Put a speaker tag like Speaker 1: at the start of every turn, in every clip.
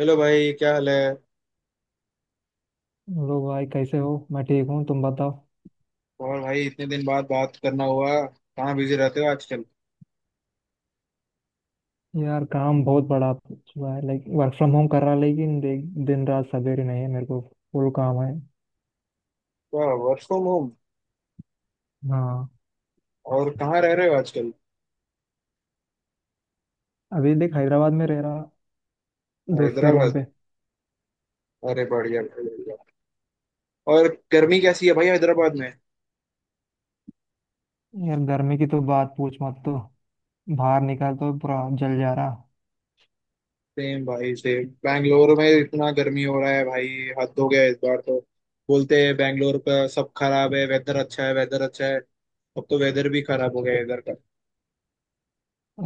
Speaker 1: Hello भाई, क्या हाल है।
Speaker 2: हेलो भाई, कैसे हो? मैं ठीक हूँ। तुम बताओ।
Speaker 1: और भाई इतने दिन बाद बात करना हुआ, कहाँ बिजी रहते हो आजकल।
Speaker 2: यार, काम बहुत बड़ा हुआ है। लाइक वर्क फ्रॉम होम कर रहा, लेकिन दिन रात सवेरे नहीं है मेरे को। फुल काम है।
Speaker 1: वाह, वर्क फ्रॉम होम।
Speaker 2: हाँ।
Speaker 1: और कहाँ रह रहे हो आजकल।
Speaker 2: अभी देख, हैदराबाद में रह रहा, दोस्त के रूम
Speaker 1: हैदराबाद,
Speaker 2: पे।
Speaker 1: अरे बढ़िया बढ़िया। और गर्मी कैसी है भाई हैदराबाद में।
Speaker 2: यार, गर्मी की तो बात पूछ मत तो। बाहर निकल तो पूरा जल जा रहा।
Speaker 1: सेम भाई सेम, बैंगलोर में इतना गर्मी हो रहा है भाई। हद हो गया इस बार तो। बोलते हैं बैंगलोर का सब खराब है, वेदर अच्छा है, वेदर अच्छा है। अब तो वेदर भी खराब हो गया है इधर का।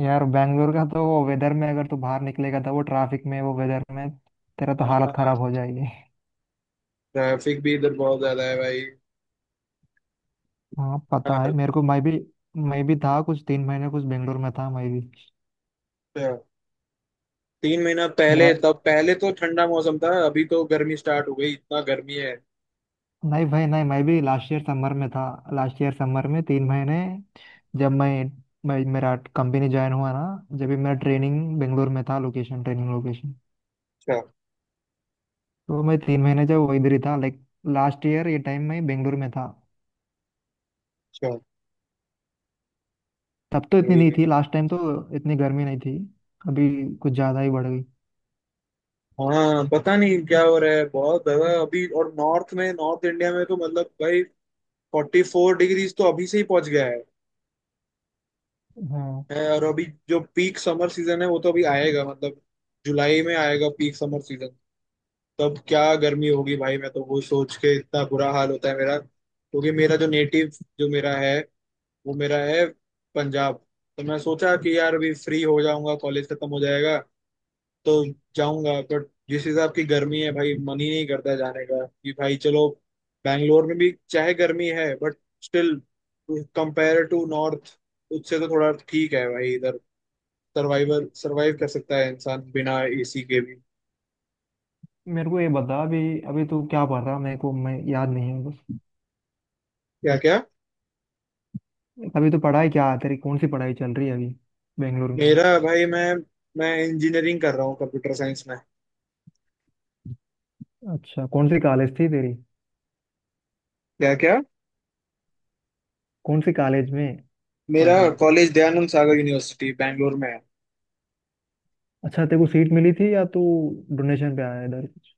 Speaker 2: यार, बैंगलोर का तो वो वेदर में अगर तू बाहर निकलेगा, तो वो ट्रैफिक में, वो वेदर में, तेरा तो हालत
Speaker 1: हाँ,
Speaker 2: खराब हो जाएगी।
Speaker 1: ट्रैफिक भी इधर बहुत ज्यादा है भाई।
Speaker 2: हाँ, पता है मेरे को। मैं भी था कुछ 3 महीने कुछ, बेंगलोर में था मैं भी।
Speaker 1: हाँ, तीन महीना पहले
Speaker 2: मेरा
Speaker 1: तब, पहले तो ठंडा मौसम था, अभी तो गर्मी स्टार्ट हो गई, इतना गर्मी है।
Speaker 2: नहीं भाई, नहीं, मैं भी लास्ट ईयर समर में था। लास्ट ईयर समर में 3 महीने। जब मैं मेरा कंपनी ज्वाइन हुआ ना। जब भी मेरा ट्रेनिंग बेंगलोर में था, लोकेशन, ट्रेनिंग लोकेशन।
Speaker 1: अच्छा
Speaker 2: तो मैं 3 महीने जब वो इधर ही था, लाइक लास्ट ईयर ये टाइम मैं बेंगलोर में था।
Speaker 1: अच्छा,
Speaker 2: तब तो इतनी
Speaker 1: वही
Speaker 2: नहीं
Speaker 1: में।
Speaker 2: थी लास्ट टाइम तो। इतनी गर्मी नहीं थी। अभी कुछ ज़्यादा ही बढ़ गई।
Speaker 1: हाँ, पता नहीं क्या हो रहा है, बहुत ज्यादा अभी। और नॉर्थ में, नॉर्थ इंडिया में तो मतलब भाई 44 डिग्रीज तो अभी से ही पहुंच गया है
Speaker 2: हाँ,
Speaker 1: है। और अभी जो पीक समर सीजन है, वो तो अभी आएगा मतलब। जुलाई में आएगा पीक समर सीजन। तब क्या गर्मी होगी भाई, मैं तो वो सोच के इतना बुरा हाल होता है मेरा, क्योंकि मेरा जो नेटिव जो मेरा है, वो मेरा है पंजाब। तो मैं सोचा कि यार अभी फ्री हो जाऊंगा, कॉलेज खत्म हो जाएगा, तो जाऊंगा, बट जिस हिसाब की गर्मी है भाई, मन ही नहीं करता जाने का कि भाई चलो। बैंगलोर में भी चाहे गर्मी है, but still compare to north उससे तो थोड़ा ठीक है भाई इधर। सर्वाइवर, सर्वाइव कर सकता है इंसान बिना एसी के भी।
Speaker 2: मेरे को ये बता। अभी अभी तू क्या पढ़ रहा, मेरे को मैं याद नहीं है बस।
Speaker 1: क्या क्या।
Speaker 2: अभी तो पढ़ाई क्या है तेरी? कौन सी पढ़ाई चल रही है अभी, बेंगलोर में?
Speaker 1: मेरा भाई मैं इंजीनियरिंग कर रहा हूँ कंप्यूटर साइंस में।
Speaker 2: अच्छा, कौन सी कॉलेज थी तेरी?
Speaker 1: क्या क्या।
Speaker 2: कौन से कॉलेज में
Speaker 1: मेरा
Speaker 2: पढ़ रहा?
Speaker 1: कॉलेज दयानंद सागर यूनिवर्सिटी बैंगलोर में है।
Speaker 2: अच्छा, तेरे को सीट मिली थी, या तू डोनेशन पे आया इधर कुछ?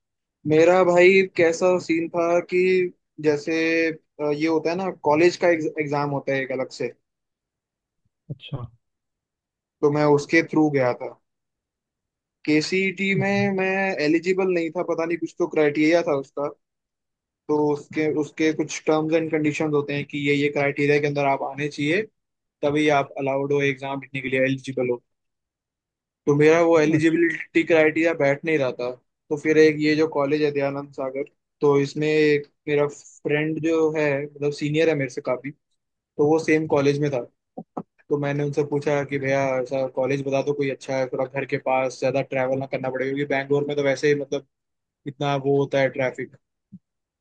Speaker 1: मेरा भाई कैसा सीन था कि जैसे ये होता है ना, कॉलेज का एग्जाम होता है एक अलग से।
Speaker 2: अच्छा।
Speaker 1: तो मैं उसके थ्रू गया था। केसीईटी में
Speaker 2: हम्म।
Speaker 1: मैं एलिजिबल नहीं था, पता नहीं कुछ तो क्राइटेरिया था उसका। तो उसके उसके कुछ टर्म्स एंड कंडीशंस होते हैं कि ये क्राइटेरिया के अंदर आप आने चाहिए, तभी आप अलाउड हो, एग्जाम लिखने के लिए एलिजिबल हो। तो मेरा वो एलिजिबिलिटी क्राइटेरिया बैठ नहीं रहा था। तो फिर एक ये जो कॉलेज है दयानंद सागर, तो इसमें एक मेरा फ्रेंड जो है, मतलब सीनियर है मेरे से काफी, तो वो सेम कॉलेज में था। तो मैंने उनसे पूछा कि भैया ऐसा कॉलेज बता दो कोई अच्छा है, थोड़ा घर के पास, ज्यादा ट्रैवल ना करना पड़े क्योंकि बैंगलोर में तो वैसे ही मतलब इतना वो होता है ट्रैफिक।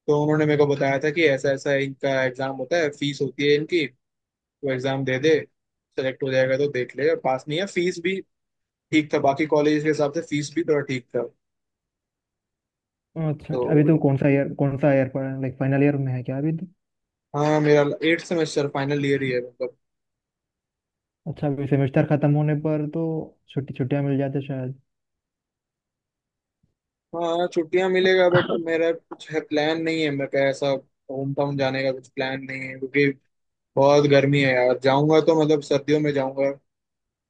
Speaker 1: तो उन्होंने मेरे को बताया था कि ऐसा ऐसा इनका एग्जाम होता है, फीस होती है इनकी, तो एग्जाम दे दे, सेलेक्ट हो जाएगा तो देख ले, पास नहीं है, फीस भी ठीक था बाकी कॉलेज के हिसाब से, फीस भी थोड़ा ठीक था
Speaker 2: अच्छा
Speaker 1: तो।
Speaker 2: अच्छा, अभी तो कौन सा ईयर, कौन सा ईयर पढ़, लाइक फाइनल ईयर में है क्या अभी तो?
Speaker 1: हाँ मेरा 8 सेमेस्टर, फाइनल ईयर ही है मतलब।
Speaker 2: अच्छा, अभी सेमेस्टर खत्म होने पर तो छुट्टी छुट्टियां मिल जाते शायद।
Speaker 1: हाँ, छुट्टियां मिलेगा बट मेरा कुछ है, प्लान नहीं है, मैं ऐसा होम टाउन जाने का कुछ प्लान नहीं है क्योंकि बहुत गर्मी है यार। जाऊंगा तो मतलब सर्दियों में जाऊंगा।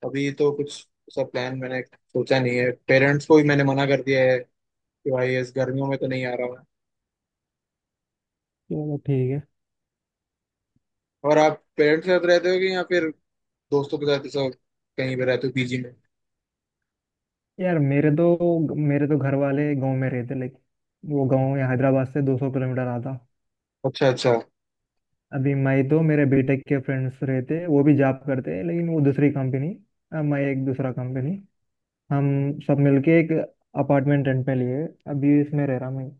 Speaker 1: अभी तो कुछ ऐसा प्लान मैंने सोचा नहीं है। पेरेंट्स को भी मैंने मना कर दिया है कि भाई इस गर्मियों में तो नहीं आ रहा मैं।
Speaker 2: चलो ठीक है।
Speaker 1: और आप पेरेंट्स के साथ रहते हो कि या फिर दोस्तों के साथ ऐसा कहीं पे रहते हो पीजी में।
Speaker 2: यार, मेरे तो घर वाले गांव में रहते, लाइक वो गांव यहाँ हैदराबाद से 200 किलोमीटर आता।
Speaker 1: अच्छा अच्छा,
Speaker 2: अभी मैं तो, मेरे बीटेक के फ्रेंड्स रहते, वो भी जॉब करते लेकिन वो दूसरी कंपनी, मैं एक दूसरा कंपनी। हम सब मिलके एक अपार्टमेंट रेंट पे लिए। अभी इसमें रह रहा मैं।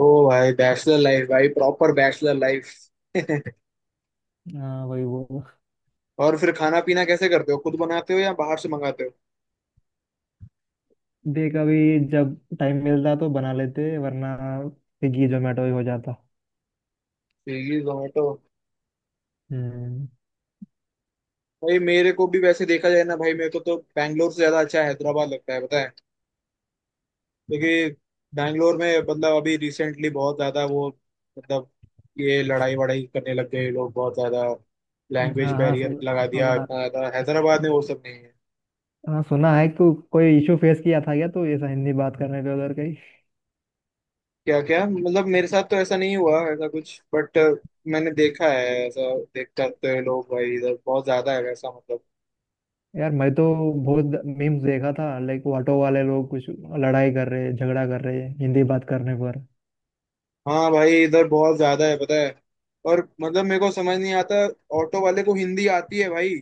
Speaker 1: ओ भाई बैचलर लाइफ भाई, प्रॉपर बैचलर लाइफ।
Speaker 2: हाँ, वही वो।
Speaker 1: और फिर खाना पीना कैसे करते हो, खुद बनाते हो या बाहर से मंगाते हो।
Speaker 2: देख, अभी जब टाइम मिलता तो बना लेते, वरना स्विगी जोमेटो ही हो जाता।
Speaker 1: स्विगी जोमेटो।
Speaker 2: हम्म।
Speaker 1: भाई मेरे को भी वैसे देखा जाए ना भाई, मेरे को तो बैंगलोर से ज्यादा अच्छा हैदराबाद लगता है बताए, क्योंकि बैंगलोर में मतलब अभी रिसेंटली बहुत ज्यादा वो मतलब ये लड़ाई वड़ाई करने लग गए लोग, बहुत ज्यादा लैंग्वेज
Speaker 2: हाँ हाँ,
Speaker 1: बैरियर लगा दिया
Speaker 2: सुना।
Speaker 1: इतना ज्यादा। हैदराबाद में वो सब नहीं है।
Speaker 2: हाँ सुना है। कोई इशू फेस किया था क्या तो, ऐसा हिंदी बात करने पे उधर कहीं?
Speaker 1: क्या क्या, मतलब मेरे साथ तो ऐसा नहीं हुआ, ऐसा कुछ, बट मैंने देखा है ऐसा देख, करते हुए लोग भाई, इधर बहुत ज्यादा है वैसा मतलब।
Speaker 2: यार, मैं तो बहुत मीम्स देखा था, लाइक ऑटो वाले लोग कुछ लड़ाई कर रहे, झगड़ा कर रहे हिंदी बात करने पर।
Speaker 1: हाँ भाई, इधर बहुत ज्यादा है, पता है। और मतलब मेरे को समझ नहीं आता, ऑटो वाले को हिंदी आती है भाई।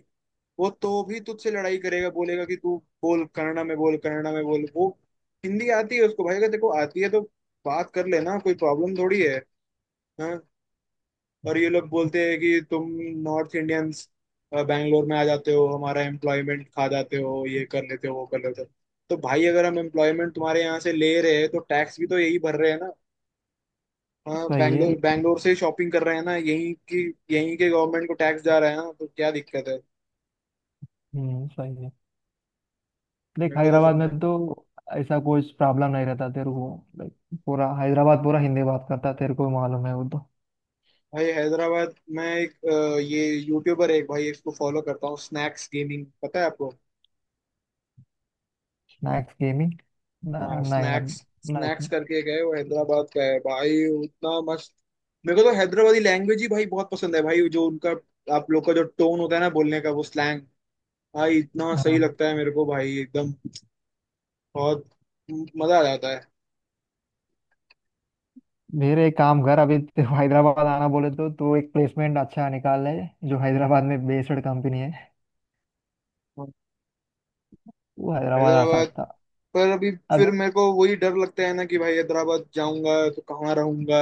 Speaker 1: वो तो भी तुझसे लड़ाई करेगा, बोलेगा कि तू बोल, कन्नड़ा में बोल, कन्नड़ा में बोल। वो हिंदी आती है उसको भाई, अगर देखो आती है तो बात कर लेना, कोई प्रॉब्लम थोड़ी है। हाँ, और ये लोग बोलते हैं कि तुम नॉर्थ इंडियंस बैंगलोर में आ जाते हो, हमारा एम्प्लॉयमेंट खा जाते हो, ये कर लेते हो, वो कर लेते हो। तो भाई अगर हम एम्प्लॉयमेंट तुम्हारे यहाँ से ले रहे हैं, तो टैक्स भी तो यही भर रहे हैं ना। हाँ,
Speaker 2: सही है।
Speaker 1: बैंगलोर, बैंगलोर से शॉपिंग कर रहे हैं ना यहीं की, यहीं के गवर्नमेंट को टैक्स जा रहा है ना, तो क्या दिक्कत है।
Speaker 2: हम्म, सही है। देख,
Speaker 1: मेरे को तो
Speaker 2: हैदराबाद
Speaker 1: समझ।
Speaker 2: में तो ऐसा कोई प्रॉब्लम नहीं रहता तेरे को। लाइक पूरा हैदराबाद पूरा हिंदी बात करता, तेरे को भी मालूम है वो तो।
Speaker 1: भाई हैदराबाद में एक ये यूट्यूबर है एक भाई, इसको फॉलो करता हूँ, स्नैक्स गेमिंग, पता है आपको।
Speaker 2: Snacks gaming? ना,
Speaker 1: हाँ
Speaker 2: ना यार,
Speaker 1: स्नैक्स,
Speaker 2: ना
Speaker 1: स्नैक्स
Speaker 2: ऐसा।
Speaker 1: करके गए, वो हैदराबाद का है भाई, उतना मस्त। मेरे को तो हैदराबादी लैंग्वेज ही भाई बहुत पसंद है भाई, जो उनका, आप लोग का जो टोन होता है ना बोलने का, वो स्लैंग भाई, इतना सही
Speaker 2: हाँ।
Speaker 1: लगता है मेरे को भाई एकदम। बहुत मजा आ जाता है।
Speaker 2: मेरे, एक काम कर। अभी तेरे को हैदराबाद आना बोले तो तू एक प्लेसमेंट अच्छा निकाल ले, जो हैदराबाद में बेस्ड कंपनी है।
Speaker 1: हाँ,
Speaker 2: वो हैदराबाद आ
Speaker 1: हैदराबाद,
Speaker 2: सकता।
Speaker 1: पर अभी
Speaker 2: अभी
Speaker 1: फिर मेरे को वही डर लगता है ना कि भाई हैदराबाद जाऊंगा तो कहाँ रहूंगा,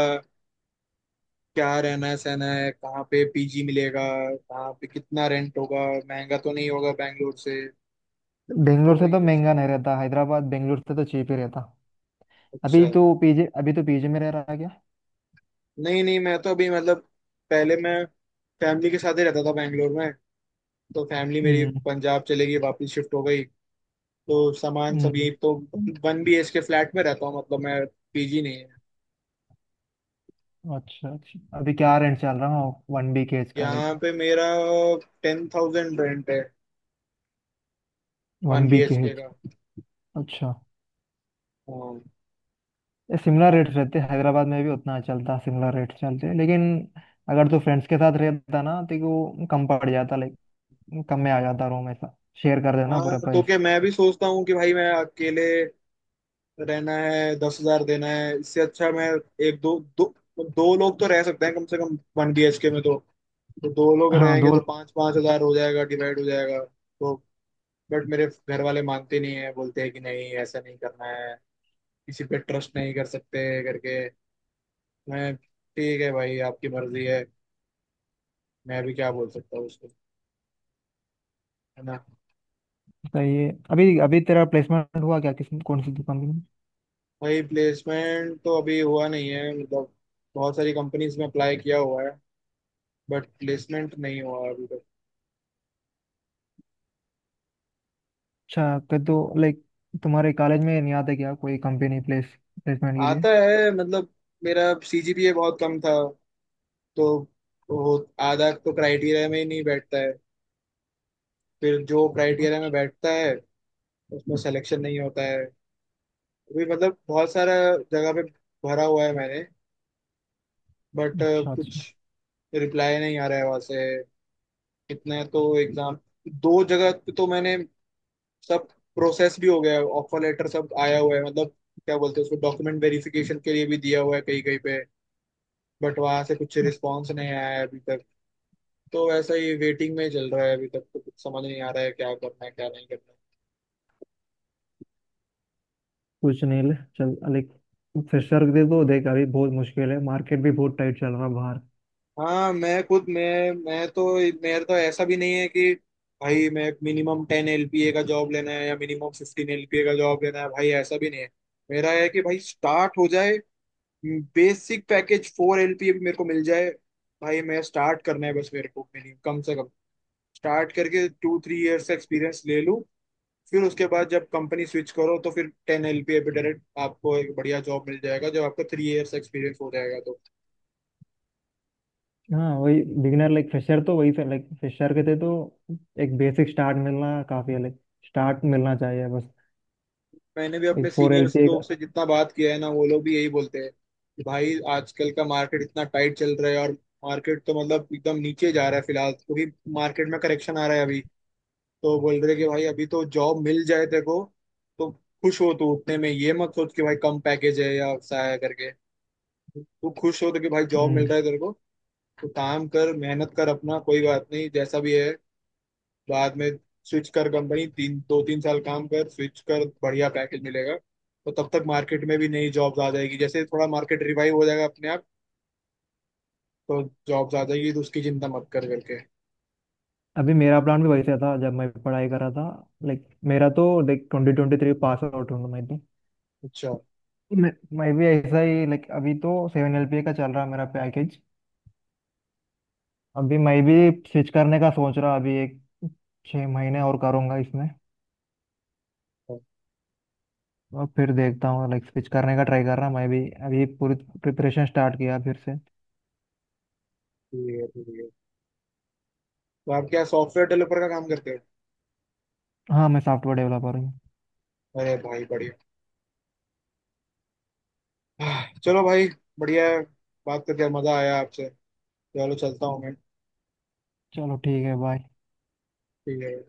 Speaker 1: क्या रहना सहना है, कहाँ पे पीजी मिलेगा, कहाँ पे कितना रेंट होगा, महंगा तो नहीं होगा बैंगलोर से।
Speaker 2: बेंगलोर
Speaker 1: तो
Speaker 2: से तो
Speaker 1: ये,
Speaker 2: महंगा नहीं रहता हैदराबाद, बेंगलोर से तो चीप ही रहता।
Speaker 1: अच्छा,
Speaker 2: अभी तो पीजे में रह रहा है क्या?
Speaker 1: नहीं नहीं, मैं तो अभी मतलब पहले मैं फैमिली के साथ ही रहता था बैंगलोर में। तो फैमिली मेरी
Speaker 2: हम्म।
Speaker 1: पंजाब चले गई, वापस शिफ्ट हो गई। तो सामान सब
Speaker 2: हम्म,
Speaker 1: यही, तो one B H K flat में रहता हूँ मतलब मैं, पीजी नहीं है।
Speaker 2: अच्छा अच्छा, अभी क्या रेंट चल रहा है 1 BHK का, लाइक
Speaker 1: यहाँ पे मेरा 10,000 रेंट है, one
Speaker 2: one
Speaker 1: B
Speaker 2: B K
Speaker 1: H K
Speaker 2: H
Speaker 1: का।
Speaker 2: अच्छा।
Speaker 1: हाँ।
Speaker 2: ये सिमिलर रेट्स रहते हैं हैदराबाद में भी, उतना चलता। सिमिलर रेट्स चलते हैं, लेकिन अगर तू फ्रेंड्स के साथ रहता ना, तो वो कम पड़ जाता। लाइक कम में आ जाता रूम, ऐसा शेयर कर देना
Speaker 1: हाँ
Speaker 2: पूरा
Speaker 1: तो
Speaker 2: प्राइस।
Speaker 1: क्या, मैं भी सोचता हूँ कि भाई मैं अकेले रहना है, 10,000 देना है, इससे अच्छा मैं एक दो, दो, दो लोग तो रह सकते हैं कम से कम 1 BHK में तो। तो दो लोग
Speaker 2: हाँ,
Speaker 1: रहेंगे
Speaker 2: दो
Speaker 1: तो
Speaker 2: लोग।
Speaker 1: 5,000 5,000 हो जाएगा, डिवाइड हो जाएगा तो। बट मेरे घर वाले मानते नहीं है, बोलते हैं कि नहीं ऐसा नहीं करना है, किसी पे ट्रस्ट नहीं कर सकते करके। मैं ठीक है भाई, आपकी मर्जी है, मैं भी क्या बोल सकता हूँ उसको, है ना।
Speaker 2: सही है। अभी अभी तेरा प्लेसमेंट हुआ क्या? किस कौन सी कंपनी में?
Speaker 1: भाई प्लेसमेंट तो अभी हुआ नहीं है मतलब, बहुत सारी कंपनीज में अप्लाई किया हुआ है, बट प्लेसमेंट नहीं हुआ अभी तक।
Speaker 2: अच्छा, तो लाइक तुम्हारे कॉलेज में नहीं आता क्या कोई कंपनी प्लेसमेंट के लिए?
Speaker 1: आता है मतलब, मेरा सीजीपीए बहुत कम था, तो वो आधा तो क्राइटेरिया में ही नहीं बैठता है। फिर जो क्राइटेरिया में बैठता है, उसमें सिलेक्शन नहीं होता है। अभी मतलब बहुत सारा जगह पे भरा हुआ है मैंने, बट
Speaker 2: अच्छा
Speaker 1: कुछ
Speaker 2: अच्छा।
Speaker 1: रिप्लाई नहीं आ रहा है वहां से। कितने तो एग्जाम, दो जगह पे तो मैंने सब प्रोसेस भी हो गया है, ऑफर लेटर सब आया हुआ है मतलब, क्या बोलते हैं उसको, डॉक्यूमेंट वेरिफिकेशन के लिए भी दिया हुआ है कहीं कहीं पे, बट वहां से कुछ रिस्पॉन्स नहीं आया है अभी तक। तो वैसा ही वेटिंग में चल रहा है अभी तक, तो कुछ समझ नहीं आ रहा है क्या करना है, क्या नहीं करना है।
Speaker 2: कुछ नहीं ले, चल लाइक फ्रेशर दे दो देख, अभी बहुत मुश्किल है, मार्केट भी बहुत टाइट चल रहा है बाहर।
Speaker 1: हाँ, मैं खुद मैं तो, मेरा तो ऐसा भी नहीं है कि भाई मैं मिनिमम 10 LPA का जॉब लेना है, या मिनिमम 15 LPA का जॉब लेना है भाई, ऐसा भी नहीं है। मेरा है कि भाई स्टार्ट हो जाए, बेसिक पैकेज 4 LPA भी मेरे को मिल जाए भाई, मैं स्टार्ट करना है बस मेरे को मिनिमम, कम से कम स्टार्ट करके 2-3 इयर्स का एक्सपीरियंस ले लूँ। फिर उसके बाद जब कंपनी स्विच करो, तो फिर 10 LPA पे डायरेक्ट आपको एक बढ़िया जॉब मिल जाएगा, जब आपका 3 इयर्स एक्सपीरियंस हो जाएगा तो।
Speaker 2: हाँ वही, बिगिनर, लाइक फ्रेशर तो वही, लाइक फ्रेशर के थे तो एक बेसिक स्टार्ट मिलना काफी है, लाइक स्टार्ट मिलना चाहिए बस।
Speaker 1: मैंने भी अपने
Speaker 2: एक फोर एल
Speaker 1: सीनियर्स
Speaker 2: पी एक।
Speaker 1: लोग से जितना बात किया है ना, वो लोग भी यही बोलते हैं कि भाई आजकल का मार्केट इतना टाइट चल रहा है, और मार्केट तो मतलब एकदम नीचे जा रहा है फिलहाल, क्योंकि मार्केट में करेक्शन आ रहा है अभी। तो बोल रहे कि भाई अभी तो जॉब मिल जाए तेरे को तो खुश हो तू उतने में, ये मत सोच कि भाई कम पैकेज है या ऐसा है करके। तू खुश हो तो कि भाई जॉब मिल
Speaker 2: हम्म।
Speaker 1: रहा है तेरे को, तो काम कर, मेहनत कर अपना, कोई बात नहीं जैसा भी है। बाद में स्विच कर कंपनी, तीन, दो तीन साल काम कर, स्विच कर, बढ़िया पैकेज मिलेगा। तो तब तक मार्केट में भी नई जॉब्स आ जाएगी, जैसे थोड़ा मार्केट रिवाइव हो जाएगा अपने आप, तो जॉब्स आ जाएगी, तो उसकी चिंता मत कर करके।
Speaker 2: अभी मेरा प्लान भी वैसे था जब मैं पढ़ाई कर रहा था, लाइक मेरा तो लाइक 2023 पास आउट हूँ मैं तो।
Speaker 1: अच्छा
Speaker 2: मैं मैं भी ऐसा ही। लाइक अभी तो 7 LP का चल रहा है मेरा पैकेज। अभी मैं भी स्विच करने का सोच रहा, अभी एक 6 महीने और करूँगा इसमें।
Speaker 1: अच्छा,
Speaker 2: और फिर देखता हूँ, लाइक स्विच करने का ट्राई कर रहा मैं भी। अभी पूरी प्रिपरेशन स्टार्ट किया फिर से।
Speaker 1: ठीक है ठीक है। तो आप क्या सॉफ्टवेयर डेवलपर का काम करते हो।
Speaker 2: हाँ, मैं सॉफ्टवेयर डेवलपर हूँ।
Speaker 1: अरे भाई बढ़िया। चलो भाई, बढ़िया है। बात करके मजा आया आपसे, चलो चलता हूँ मैं।
Speaker 2: चलो, ठीक है। बाय।
Speaker 1: ठीक है।